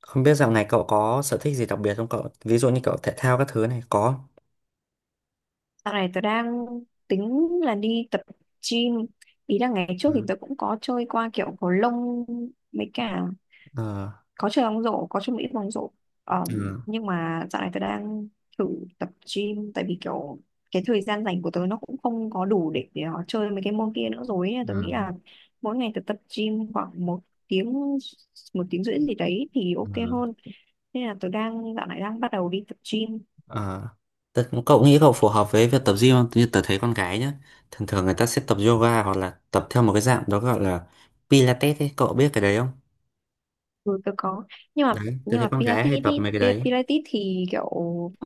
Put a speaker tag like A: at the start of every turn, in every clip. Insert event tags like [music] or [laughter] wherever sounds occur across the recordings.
A: Không biết dạo này cậu có sở thích gì đặc biệt không cậu? Ví dụ như cậu thể thao các thứ này có.
B: Dạo này tớ đang tính là đi tập gym. Ý là ngày trước thì
A: Ừ.
B: tớ cũng có chơi qua kiểu cầu lông mấy cả
A: Ờ.
B: có chơi bóng rổ, có chơi một ít bóng rổ. Ờm,
A: Ừ.
B: nhưng mà dạo này tớ đang thử tập gym, tại vì kiểu cái thời gian rảnh của tớ nó cũng không có đủ để nó chơi mấy cái môn kia nữa rồi ấy. Tớ nghĩ
A: Ừ.
B: là mỗi ngày tớ tập gym khoảng tiếng một tiếng rưỡi gì đấy thì ok
A: Ừ.
B: hơn. Nên là tớ đang dạo này đang bắt đầu đi tập gym.
A: Ờ. Cậu nghĩ cậu phù hợp với việc tập gym không? Như tớ thấy con gái nhá. Thường thường người ta sẽ tập yoga hoặc là tập theo một cái dạng đó gọi là Pilates ấy. Cậu biết cái đấy không?
B: Ừ, tôi có, nhưng mà
A: Đấy, tớ
B: nhưng
A: thấy
B: mà
A: con gái
B: Pilates,
A: hay tập mấy cái đấy.
B: Pilates thì kiểu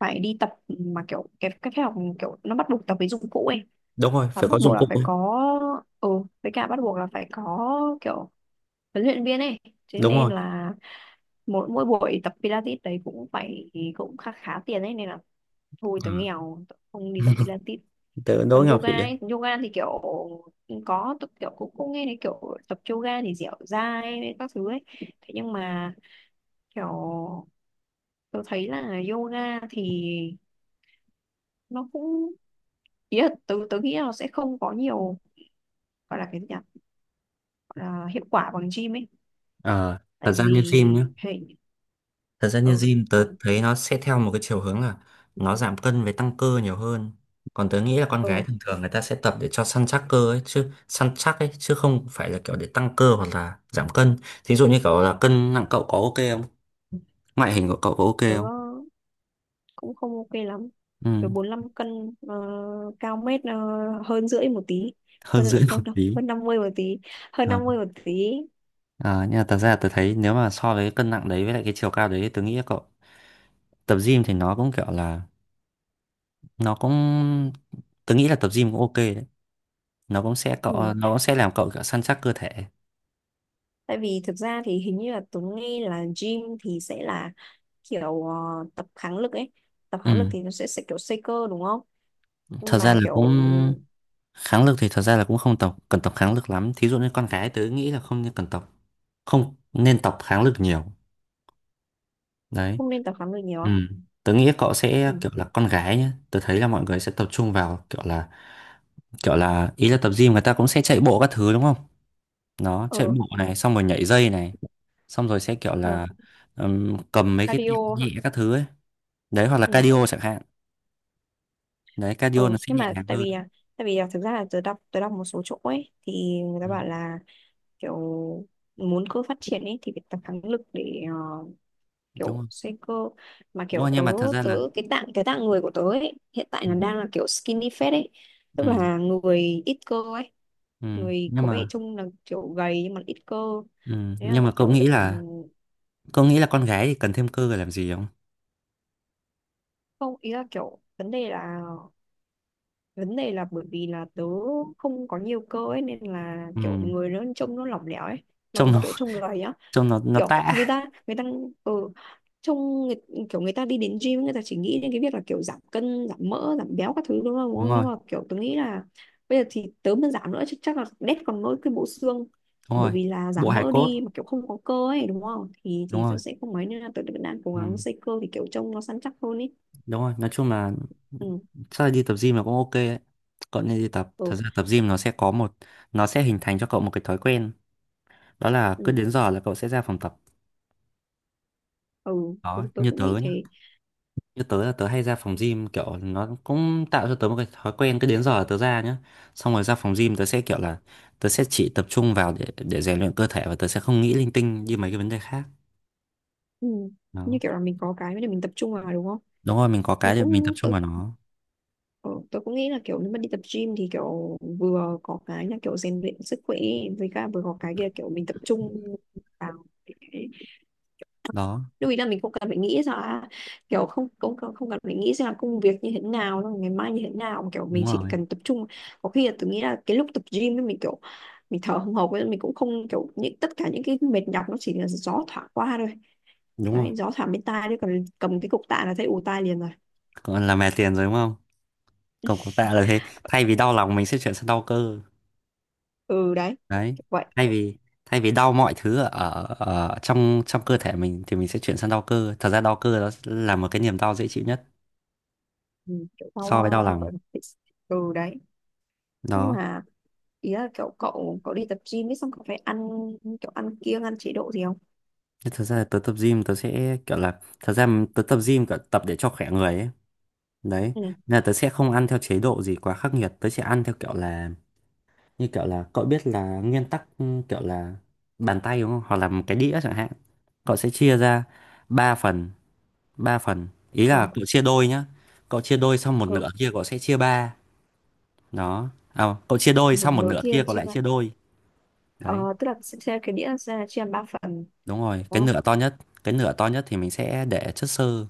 B: phải đi tập mà kiểu cái phòng kiểu nó bắt buộc tập với dụng cụ ấy,
A: Đúng rồi,
B: và
A: phải có
B: bắt buộc
A: dụng
B: là
A: cụ
B: phải
A: ấy.
B: có, ừ với cả bắt buộc là phải có kiểu huấn luyện viên ấy, thế
A: Đúng
B: nên
A: rồi.
B: là mỗi mỗi buổi tập Pilates đấy cũng phải cũng khá khá tiền ấy, nên là thôi
A: Ừ.
B: tớ nghèo tớ không đi tập
A: [laughs]
B: Pilates.
A: Tớ đố
B: Còn
A: Ngọc
B: yoga
A: chị ấy.
B: ấy, yoga thì kiểu có tôi kiểu cũng cũng nghe thấy kiểu tập yoga thì dẻo dai các thứ ấy, thế nhưng mà kiểu tớ thấy là yoga thì nó cũng, ý là tớ tớ nghĩ là nó sẽ không có nhiều, gọi là cái gì nhỉ, gọi là hiệu quả bằng gym ấy,
A: Ờ. Thật
B: tại
A: ra
B: vì
A: như gym nhá.
B: hệ
A: Thật ra
B: ờ
A: như gym tớ
B: ờ
A: thấy nó sẽ theo một cái chiều hướng là nó giảm cân với tăng cơ nhiều hơn. Còn tớ nghĩ là con gái
B: ờ,
A: thường thường người ta sẽ tập để cho săn chắc cơ ấy, chứ săn chắc ấy chứ không phải là kiểu để tăng cơ hoặc là giảm cân. Thí dụ như kiểu là cân nặng cậu có ok không? Ngoại hình của cậu có ok
B: tớ
A: không?
B: cũng không ok lắm. Tớ
A: Ừ,
B: 45 cân, cao mét, hơn rưỡi một tí,
A: hơn rưỡi
B: hơn
A: một
B: hơn
A: tí.
B: hơn 50 một tí, hơn
A: Ờ,
B: 50 một tí.
A: ờ, nhưng mà thật ra tôi thấy nếu mà so với cái cân nặng đấy với lại cái chiều cao đấy tôi nghĩ là cậu tập gym thì nó cũng kiểu là nó cũng tôi nghĩ là tập gym cũng ok đấy. Nó cũng sẽ cậu
B: Ừ,
A: nó cũng sẽ làm cậu kiểu săn chắc cơ thể.
B: tại vì thực ra thì hình như là Tuấn nghe là gym thì sẽ là kiểu tập kháng lực ấy, tập kháng lực
A: Ừ,
B: thì nó sẽ kiểu xây cơ đúng không.
A: thật
B: Nhưng
A: ra
B: mà
A: là cũng
B: kiểu ừ,
A: kháng lực thì thật ra là cũng không tộc cần tập kháng lực lắm, thí dụ như con gái tớ nghĩ là không nên cần tập, không nên tập kháng lực nhiều. Đấy.
B: không nên tập kháng lực
A: Ừ.
B: nhiều.
A: Tớ nghĩ cậu sẽ
B: Ừ.
A: kiểu là con gái nhá, tớ thấy là mọi người sẽ tập trung vào kiểu là ý là tập gym người ta cũng sẽ chạy bộ các thứ đúng không, nó chạy
B: ờ
A: bộ này xong rồi nhảy dây này xong rồi sẽ kiểu
B: ừ.
A: là, cầm mấy cái tạ
B: Cardio
A: nhẹ
B: hả?
A: các thứ ấy. Đấy, hoặc là
B: Ừ.
A: cardio chẳng hạn. Đấy, cardio
B: Ừ.
A: nó sẽ
B: Nhưng
A: nhẹ
B: mà
A: nhàng
B: tại vì
A: hơn.
B: tại vì à, thực ra là tớ đọc một số chỗ ấy thì người ta
A: Ừ,
B: bảo là kiểu muốn cơ phát triển ấy thì phải tập kháng lực để
A: đúng
B: kiểu
A: rồi.
B: xây cơ. Mà
A: Đúng rồi,
B: kiểu tớ,
A: nhưng mà thật ra là
B: cái tạng người của tớ ấy hiện tại
A: ừ,
B: nó đang là kiểu skinny fat ấy, tức
A: ừ,
B: là người ít cơ ấy,
A: ừ,
B: người
A: nhưng
B: có vẻ
A: mà
B: trông là kiểu gầy nhưng mà ít cơ,
A: ừ,
B: thế là
A: nhưng mà cậu
B: kiểu
A: nghĩ là cậu nghĩ là con gái thì cần thêm cơ để làm gì không?
B: không, ý là kiểu vấn đề là, bởi vì là tớ không có nhiều cơ ấy nên là kiểu
A: Ừ,
B: người nó trông nó lỏng lẻo ấy, mà
A: trông nó
B: kiểu trông gầy á,
A: trông nó nó
B: kiểu người
A: tã.
B: ta người ta ở trong người, kiểu người ta đi đến gym người ta chỉ nghĩ đến cái việc là kiểu giảm cân giảm mỡ giảm béo các thứ đúng không, đúng
A: Đúng
B: không? Nhưng
A: rồi.
B: mà kiểu tôi nghĩ là bây giờ thì tớ mà giảm nữa chắc là đét còn nỗi cái bộ xương,
A: Đúng
B: bởi
A: rồi,
B: vì là
A: bộ
B: giảm
A: hài
B: mỡ
A: cốt.
B: đi mà kiểu không có cơ ấy đúng không thì
A: Đúng rồi.
B: tớ sẽ không mấy, nên là tớ vẫn đang cố gắng
A: Ừ,
B: xây cơ thì kiểu trông nó săn chắc hơn ấy.
A: đúng rồi, nói chung là
B: Ừ,
A: chắc là đi tập gym là cũng ok đấy. Cậu nên đi tập, thật
B: ừ,
A: ra tập gym nó sẽ có một, nó sẽ hình thành cho cậu một cái thói quen, đó là cứ
B: ừ,
A: đến giờ là cậu sẽ ra phòng tập.
B: ừ. Tớ,
A: Đó,
B: tớ
A: như
B: cũng
A: tớ
B: nghĩ
A: nhá,
B: thế.
A: như tớ là tớ hay ra phòng gym kiểu nó cũng tạo cho tớ một cái thói quen cứ đến giờ là tớ ra nhá, xong rồi ra phòng gym tớ sẽ kiểu là tớ sẽ chỉ tập trung vào để rèn luyện cơ thể và tớ sẽ không nghĩ linh tinh như mấy cái vấn đề khác.
B: Ừ. Như
A: Đó,
B: kiểu là mình có cái để mình tập trung vào đúng không.
A: đúng rồi, mình có
B: Tớ
A: cái để mình tập
B: cũng,
A: trung vào nó.
B: ờ, tôi cũng nghĩ là kiểu nếu mà đi tập gym thì kiểu vừa có cái là kiểu rèn luyện sức khỏe, với cả vừa có cái kia kiểu mình tập trung vào cái-
A: Đó,
B: lưu ý là mình không cần phải nghĩ ra là kiểu không không không không cần phải nghĩ ra là công việc như thế nào xong ngày mai như thế nào mà kiểu mình
A: đúng
B: chỉ
A: rồi.
B: cần tập trung. Có khi là tôi nghĩ là cái lúc tập gym ấy mình kiểu mình thở hồng hộc ấy, mình cũng không kiểu, những tất cả những cái mệt nhọc nó chỉ là gió thoảng qua thôi,
A: Đúng rồi,
B: đấy gió thoảng bên tai, đấy còn cầm cái cục tạ là thấy ù tai liền rồi.
A: còn là mè tiền rồi đúng không, còn cổ tạ là thế, thay vì đau lòng mình sẽ chuyển sang đau cơ.
B: Ừ đấy,
A: Đấy,
B: kiểu vậy.
A: thay vì, thay vì đau mọi thứ ở, ở trong, cơ thể mình thì mình sẽ chuyển sang đau cơ, thật ra đau cơ đó là một cái niềm đau dễ chịu nhất
B: Ừ, kiểu sau
A: so với đau lòng.
B: gọi là bị- ừ đấy. Nhưng
A: Đó,
B: mà ý là kiểu cậu cậu đi tập gym ấy xong cậu phải ăn kiểu ăn kiêng ăn chế độ gì không.
A: thế thật ra là tớ tập gym tớ sẽ kiểu là, thật ra tớ tập gym kiểu tập để cho khỏe người ấy. Đấy,
B: Ừ.
A: nên là tớ sẽ không ăn theo chế độ gì quá khắc nghiệt. Tớ sẽ ăn theo kiểu là, như kiểu là cậu biết là nguyên tắc ừ, kiểu là bàn tay đúng không? Hoặc là một cái đĩa chẳng hạn. Cậu sẽ chia ra 3 phần, 3 phần. Ý
B: ờ
A: là cậu chia đôi nhá, cậu chia đôi xong một
B: ừ,
A: nửa kia cậu sẽ chia ba. Đó, à cậu chia đôi
B: một
A: xong một
B: nửa
A: nửa
B: kia
A: kia cậu
B: chia
A: lại
B: ba.
A: chia đôi. Đấy,
B: Ờ, tức là sẽ cái đĩa sẽ chia làm ba phần
A: đúng rồi.
B: đúng
A: Cái
B: không.
A: nửa to nhất, cái nửa to nhất thì mình sẽ để chất xơ.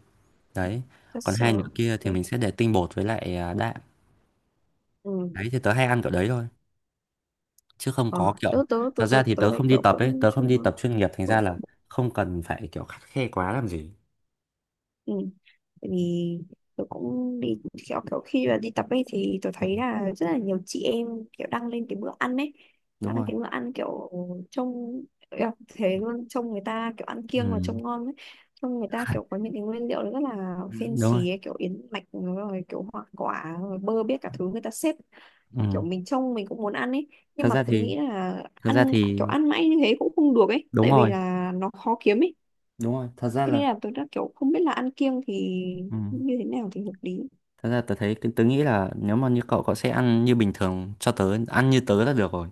A: Đấy, còn
B: Just
A: hai nửa
B: so,
A: kia thì
B: ok.
A: mình sẽ để tinh bột với lại đạm.
B: Ừ.
A: Đấy thì tớ hay ăn kiểu đấy thôi, chứ không
B: Ờ,
A: có kiểu,
B: tớ tớ tớ
A: thật ra
B: tớ
A: thì
B: tớ
A: tớ
B: lại
A: không đi
B: kiểu
A: tập ấy,
B: cũng
A: tớ
B: chưa.
A: không đi tập chuyên nghiệp thành ra
B: Ừ.
A: là không cần phải kiểu khắt khe quá làm gì.
B: Ừ. Tại vì tôi cũng đi kiểu, khi mà đi tập ấy thì tôi thấy là rất là nhiều chị em kiểu đăng lên cái bữa ăn ấy,
A: Đúng
B: đăng lên
A: rồi.
B: cái bữa ăn kiểu trông, kiểu thế luôn, trông người ta kiểu ăn
A: Ừ.
B: kiêng và trông ngon ấy, trông người ta kiểu có
A: [laughs]
B: những cái nguyên liệu rất là
A: Đúng rồi.
B: fancy ấy, kiểu yến mạch rồi kiểu hoa quả rồi bơ biết cả thứ người ta xếp kiểu
A: Ừ.
B: mình trông mình cũng muốn ăn ấy. Nhưng
A: Thật
B: mà
A: ra
B: tôi
A: thì,
B: nghĩ là
A: thật ra
B: ăn
A: thì,
B: kiểu ăn mãi như thế cũng không được ấy,
A: đúng
B: tại vì
A: rồi,
B: là nó khó kiếm ấy.
A: đúng rồi, thật ra
B: Thế nên
A: là
B: là tôi đã kiểu không biết là ăn kiêng thì
A: ừ.
B: như thế nào thì hợp lý.
A: Thật ra tớ thấy, tớ nghĩ là nếu mà như cậu, cậu sẽ ăn như bình thường cho tớ, ăn như tớ là được rồi,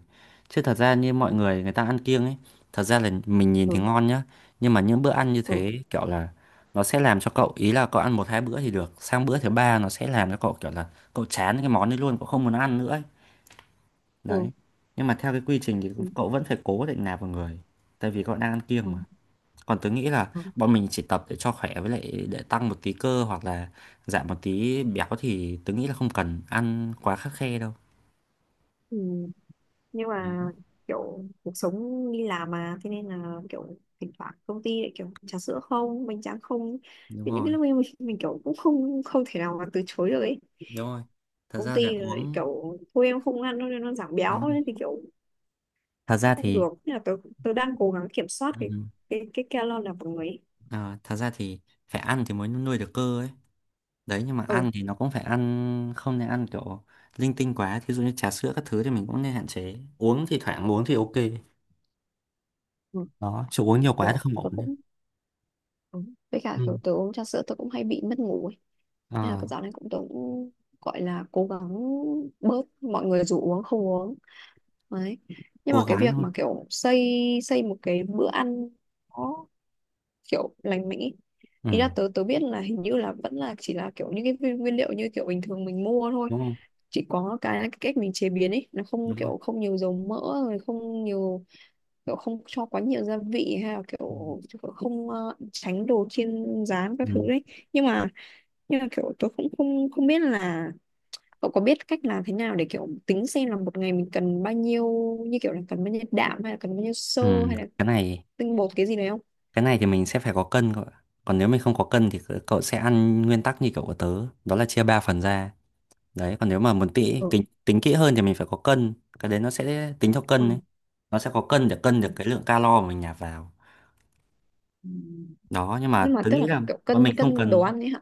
A: chứ thật ra như mọi người, người ta ăn kiêng ấy, thật ra là mình nhìn thì
B: Ừ,
A: ngon nhá, nhưng mà những bữa ăn như
B: ừ,
A: thế kiểu là nó sẽ làm cho cậu, ý là cậu ăn một hai bữa thì được, sang bữa thứ ba nó sẽ làm cho cậu kiểu là cậu chán cái món đấy luôn, cậu không muốn ăn nữa ấy. Đấy,
B: ừ,
A: nhưng mà theo cái quy trình thì
B: ừ,
A: cậu vẫn phải cố định nạp vào người, tại vì cậu đang ăn
B: ừ,
A: kiêng mà. Còn tớ nghĩ là
B: ừ.
A: bọn mình chỉ tập để cho khỏe với lại để tăng một tí cơ hoặc là giảm một tí béo thì tớ nghĩ là không cần ăn quá khắt khe đâu.
B: Ừ. Nhưng mà kiểu cuộc sống đi làm mà, thế nên là kiểu thỉnh thoảng công ty lại kiểu trà sữa không, bánh tráng không.
A: Đúng
B: Thì những cái
A: rồi.
B: lúc ấy mình kiểu cũng không, không thể nào mà từ chối được ấy.
A: Đúng rồi, thật
B: Công
A: ra là
B: ty lại
A: uống.
B: kiểu thôi em không ăn đâu nên nó giảm béo
A: Đúng rồi,
B: nên thì kiểu
A: thật
B: cũng
A: ra
B: không
A: thì
B: được. Thế là tôi đang cố gắng kiểm soát cái
A: ừ,
B: cái calo là của người ấy.
A: ờ, thật ra thì phải ăn thì mới nuôi được cơ ấy. Đấy, nhưng mà
B: Ừ,
A: ăn thì nó cũng phải ăn, không nên ăn kiểu linh tinh quá, thí dụ như trà sữa các thứ thì mình cũng nên hạn chế uống, thì thoảng uống thì ok.
B: ừ,
A: Đó, chứ uống nhiều quá thì
B: kiểu
A: không ổn
B: tôi
A: ấy.
B: cũng. Ừ. Với cả kiểu
A: Ừ.
B: tớ uống trà sữa tớ cũng hay bị mất ngủ ấy. Nên là
A: Ờ,
B: cái dạo này tớ cũng gọi là cố gắng bớt, mọi người rủ uống không uống. Đấy. Nhưng mà
A: cố
B: cái
A: gắng
B: việc
A: thôi.
B: mà kiểu xây xây một cái bữa ăn nó kiểu lành mạnh ý.
A: Ừ,
B: Ý là tớ tớ biết là hình như là vẫn là chỉ là kiểu những cái nguyên nguyên liệu như kiểu bình thường mình mua thôi.
A: đúng không?
B: Chỉ có cái, là cái cách mình chế biến ấy nó không
A: Đúng rồi.
B: kiểu không nhiều dầu mỡ, rồi không nhiều kiểu, không cho quá nhiều gia vị, hay là
A: Ừ.
B: kiểu, không tránh đồ chiên rán các thứ
A: Ừ.
B: đấy. Nhưng mà kiểu tôi cũng không, biết là cậu có biết cách làm thế nào để kiểu tính xem là một ngày mình cần bao nhiêu, như kiểu là cần bao nhiêu đạm hay là cần bao nhiêu xơ
A: Ừ,
B: hay là
A: cái này,
B: tinh bột cái gì đấy không.
A: cái này thì mình sẽ phải có cân cậu ạ. Còn nếu mình không có cân thì cậu, cậu sẽ ăn nguyên tắc như kiểu của tớ, đó là chia 3 phần ra. Đấy, còn nếu mà muốn tỉ
B: Ừ,
A: tính kỹ hơn thì mình phải có cân, cái đấy nó sẽ tính theo cân
B: ừ,
A: ấy. Nó sẽ có cân để cân
B: ừ.
A: được cái lượng calo mà mình nạp vào.
B: Ừ.
A: Đó, nhưng
B: Nhưng
A: mà
B: mà
A: tớ
B: tức
A: nghĩ
B: là
A: là
B: kiểu
A: bọn
B: cân
A: mình không
B: cân đồ
A: cần.
B: ăn ấy hả.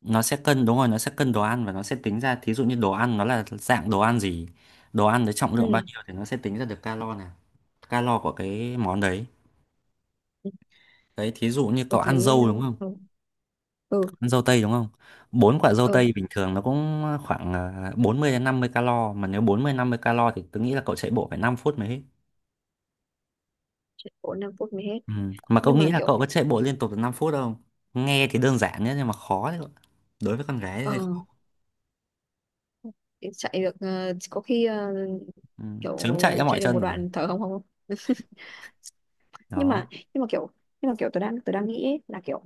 A: Nó sẽ cân đúng rồi, nó sẽ cân đồ ăn và nó sẽ tính ra, thí dụ như đồ ăn nó là dạng đồ ăn gì, đồ ăn với trọng lượng bao
B: Ừ,
A: nhiêu thì nó sẽ tính ra được calo này, calo của cái món đấy.
B: ừ,
A: Đấy, thí dụ như
B: tôi
A: cậu ăn
B: thấy.
A: dâu đúng không?
B: Ừ. Ừ.
A: Ăn dâu tây đúng không? Bốn quả dâu
B: Ừ,
A: tây bình thường nó cũng khoảng 40 đến 50 calo, mà nếu 40 50 calo thì tôi nghĩ là cậu chạy bộ phải 5 phút mới hết.
B: chỉ có 5 phút mới hết.
A: Ừ. Mà cậu
B: Nhưng mà
A: nghĩ là
B: kiểu
A: cậu có chạy bộ liên tục được 5 phút không? Nghe thì đơn giản nhé nhưng mà khó đấy. Cậu, đối với con gái thì
B: ờ
A: hơi khó.
B: chạy được có khi
A: Ừ.
B: kiểu
A: Chớm chạy ra mỏi
B: chạy được
A: chân
B: một
A: rồi.
B: đoạn thở hồng hộc. Nhưng mà
A: Đó.
B: nhưng mà kiểu nhưng mà kiểu tôi đang, nghĩ ấy, là kiểu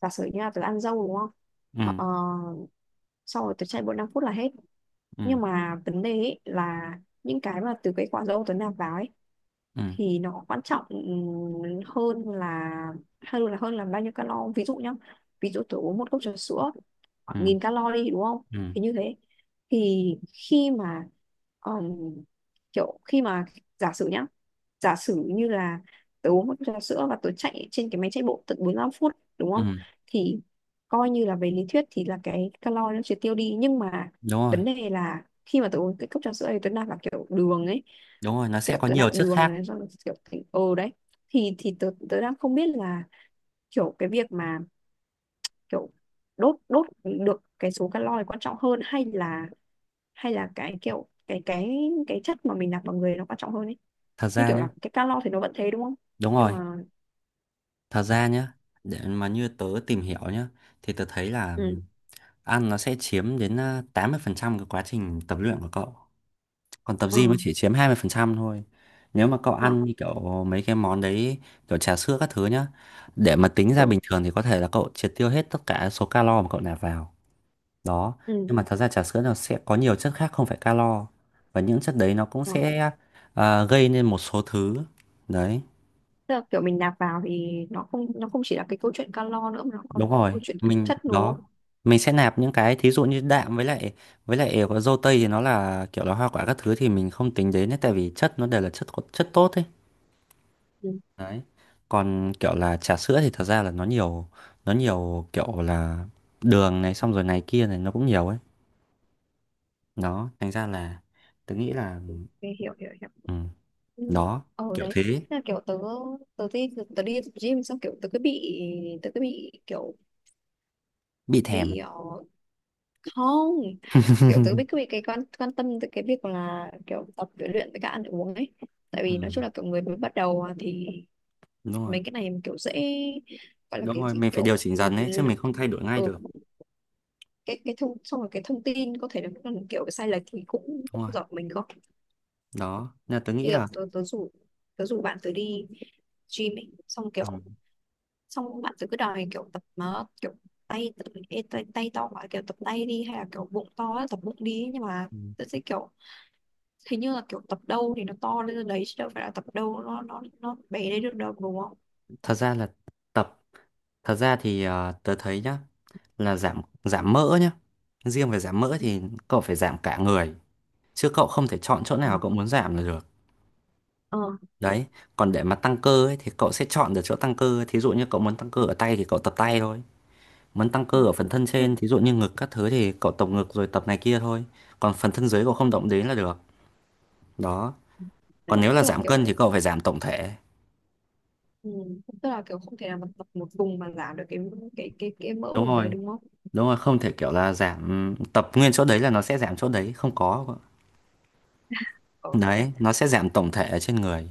B: giả sử như là tôi ăn dâu đúng không.
A: Ừ.
B: ờ, Sau rồi tôi chạy bộ 5 phút là hết.
A: Ừ.
B: Nhưng mà vấn đề ấy là những cái mà từ cái quả dâu tôi nạp vào ấy
A: Ừ.
B: thì nó quan trọng, hơn là hơn là bao nhiêu calo. Ví dụ nhá, ví dụ tôi uống một cốc trà sữa khoảng
A: Ừ.
B: 1.000 calo đi đúng không.
A: Ừ.
B: Thì như thế, thì khi mà ừm, kiểu khi mà giả sử nhá giả sử như là tớ uống một cốc trà sữa và tớ chạy trên cái máy chạy bộ tận 45 phút đúng
A: Ừ.
B: không. Thì coi như là về lý thuyết thì là cái calo nó chưa tiêu đi, nhưng mà
A: Đúng rồi.
B: vấn đề là khi mà tớ uống cái cốc trà sữa thì tớ nạp vào kiểu đường ấy,
A: Đúng rồi, nó sẽ
B: kiểu
A: có
B: tớ
A: nhiều
B: nạp
A: chất
B: đường
A: khác.
B: này xong rồi kiểu thành ừ đấy. Thì tớ, đang không biết là kiểu cái việc mà kiểu đốt đốt được cái số calo này quan trọng hơn, hay là cái kiểu cái chất mà mình nạp vào người nó quan trọng hơn ấy.
A: Thật
B: Như
A: ra
B: kiểu
A: nhé.
B: là cái calo thì nó vẫn thế đúng không.
A: Đúng
B: Nhưng
A: rồi.
B: mà
A: Thật ra nhé, để mà như tớ tìm hiểu nhé thì tớ thấy là
B: ừ
A: ăn nó sẽ chiếm đến 80% cái quá trình tập luyện của cậu. Còn tập
B: ờ
A: gym nó chỉ chiếm 20% thôi. Nếu mà cậu
B: ờ
A: ăn như kiểu mấy cái món đấy, kiểu trà sữa các thứ nhá, để mà tính ra
B: ừ,
A: bình thường thì có thể là cậu triệt tiêu hết tất cả số calo mà cậu nạp vào. Đó.
B: ừ.
A: Nhưng mà thật ra trà sữa nó sẽ có nhiều chất khác không phải calo. Và những chất đấy nó cũng
B: Ừ.
A: sẽ gây nên một số thứ. Đấy,
B: Tức là kiểu mình nạp vào thì nó không, chỉ là cái câu chuyện calo nữa mà nó còn
A: đúng
B: cái
A: rồi.
B: câu chuyện thực
A: Mình
B: chất đúng
A: đó,
B: không.
A: mình sẽ nạp những cái thí dụ như đạm với lại, với lại có dâu tây thì nó là kiểu là hoa quả các thứ thì mình không tính đến ấy, tại vì chất nó đều là chất, chất tốt ấy.
B: Ừ.
A: Đấy, còn kiểu là trà sữa thì thật ra là nó nhiều, nó nhiều kiểu là đường này xong rồi này kia này nó cũng nhiều ấy. Đó thành ra là tớ nghĩ là
B: Ok, hiểu hiểu hiểu.
A: ừ.
B: Ừ.
A: Đó,
B: Ờ
A: kiểu
B: đấy, thế
A: thế.
B: là kiểu tớ tớ đi tớ đi tập gym xong kiểu tớ cứ bị, tớ cứ bị kiểu
A: Bị thèm.
B: bị ờ, không kiểu tớ
A: [laughs]
B: bị cứ bị cái quan quan tâm tới cái việc là kiểu tập với luyện với cả ăn uống ấy, tại
A: Ừ,
B: vì nói chung là kiểu người mới bắt đầu thì
A: đúng rồi.
B: mấy cái này kiểu dễ, gọi là
A: Đúng
B: cái
A: rồi,
B: gì
A: mình phải
B: kiểu,
A: điều chỉnh dần ấy chứ mình không thay đổi ngay
B: ừ,
A: được.
B: cái thông, xong rồi cái thông tin có thể là còn kiểu sai lệch thì cũng
A: Đúng
B: cũng
A: rồi.
B: giọt mình không.
A: Đó nên là tớ
B: Như
A: nghĩ
B: kiểu
A: là
B: tớ tớ rủ bạn tớ đi gym ấy xong
A: ừ.
B: kiểu xong bạn tôi cứ đòi kiểu tập nó kiểu tay to quá kiểu tập tay đi, hay là kiểu bụng to á, tập bụng đi. Nhưng mà
A: Ừ.
B: tôi sẽ kiểu hình như là kiểu tập đâu thì nó to lên đấy chứ đâu phải là tập đâu nó bé đấy được đâu đúng không.
A: Thật ra là tập, thật ra thì ờ, tớ thấy nhá, là giảm, giảm mỡ nhá, riêng về giảm mỡ thì cậu phải giảm cả người chứ cậu không thể chọn chỗ nào
B: Ờ,
A: cậu muốn giảm là được.
B: ờ.
A: Đấy, còn để mà tăng cơ ấy thì cậu sẽ chọn được chỗ tăng cơ, thí dụ như cậu muốn tăng cơ ở tay thì cậu tập tay thôi, muốn tăng
B: Ừ.
A: cơ ở phần thân
B: Nhưng
A: trên thí dụ như ngực các thứ thì cậu tập ngực rồi tập này kia thôi, còn phần thân dưới cậu không động đến là được. Đó, còn nếu là
B: tức là
A: giảm cân
B: kiểu
A: thì cậu phải giảm tổng thể.
B: ừ, tức là kiểu không thể nào mà tập một vùng mà giảm được cái cái mỡ
A: Đúng
B: vùng đấy
A: rồi,
B: đúng không.
A: đúng rồi, không thể kiểu là giảm, tập nguyên chỗ đấy là nó sẽ giảm chỗ đấy, không có.
B: Ờ, công nhận.
A: Đấy, nó sẽ giảm tổng thể ở trên người.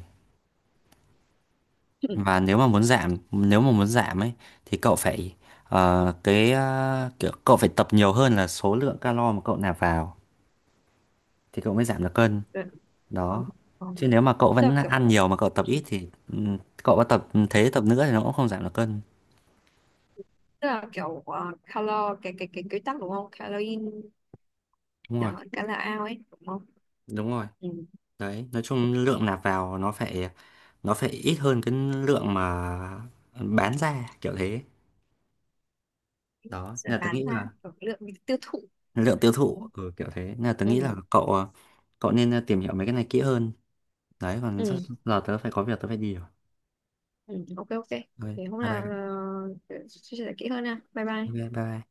A: Và nếu mà muốn giảm, nếu mà muốn giảm ấy thì cậu phải ờ, cái ờ, kiểu cậu phải tập nhiều hơn là số lượng calo mà cậu nạp vào thì cậu mới giảm được cân.
B: Ờ, ờ,
A: Đó.
B: ờ.
A: Chứ nếu mà cậu
B: Tức là
A: vẫn
B: kiểu
A: ăn nhiều mà cậu tập ít thì ừ, cậu có tập ừ, thế tập nữa thì nó cũng không giảm được cân.
B: calor cái quy tắc đúng không, calorie
A: Đúng rồi,
B: calo out ấy đúng không.
A: đúng rồi.
B: Ừ.
A: Đấy, nói chung lượng nạp vào nó phải, nó phải ít hơn cái lượng mà bán ra kiểu thế. Đó,
B: Sẽ
A: nên là tớ
B: bán
A: nghĩ
B: ra
A: là
B: ở lượng tiêu thụ.
A: lượng tiêu thụ ừ, kiểu thế, nên là tớ nghĩ là
B: Ừ.
A: cậu à, cậu nên tìm hiểu mấy cái này kỹ hơn. Đấy, còn sắp
B: Ừ.
A: giờ tớ phải có việc, tớ phải đi rồi.
B: Ừ. Ok ok,
A: Ok, bye
B: thì hôm nào
A: bye.
B: chia sẻ kỹ hơn nha. Bye
A: Ok,
B: bye.
A: bye bye.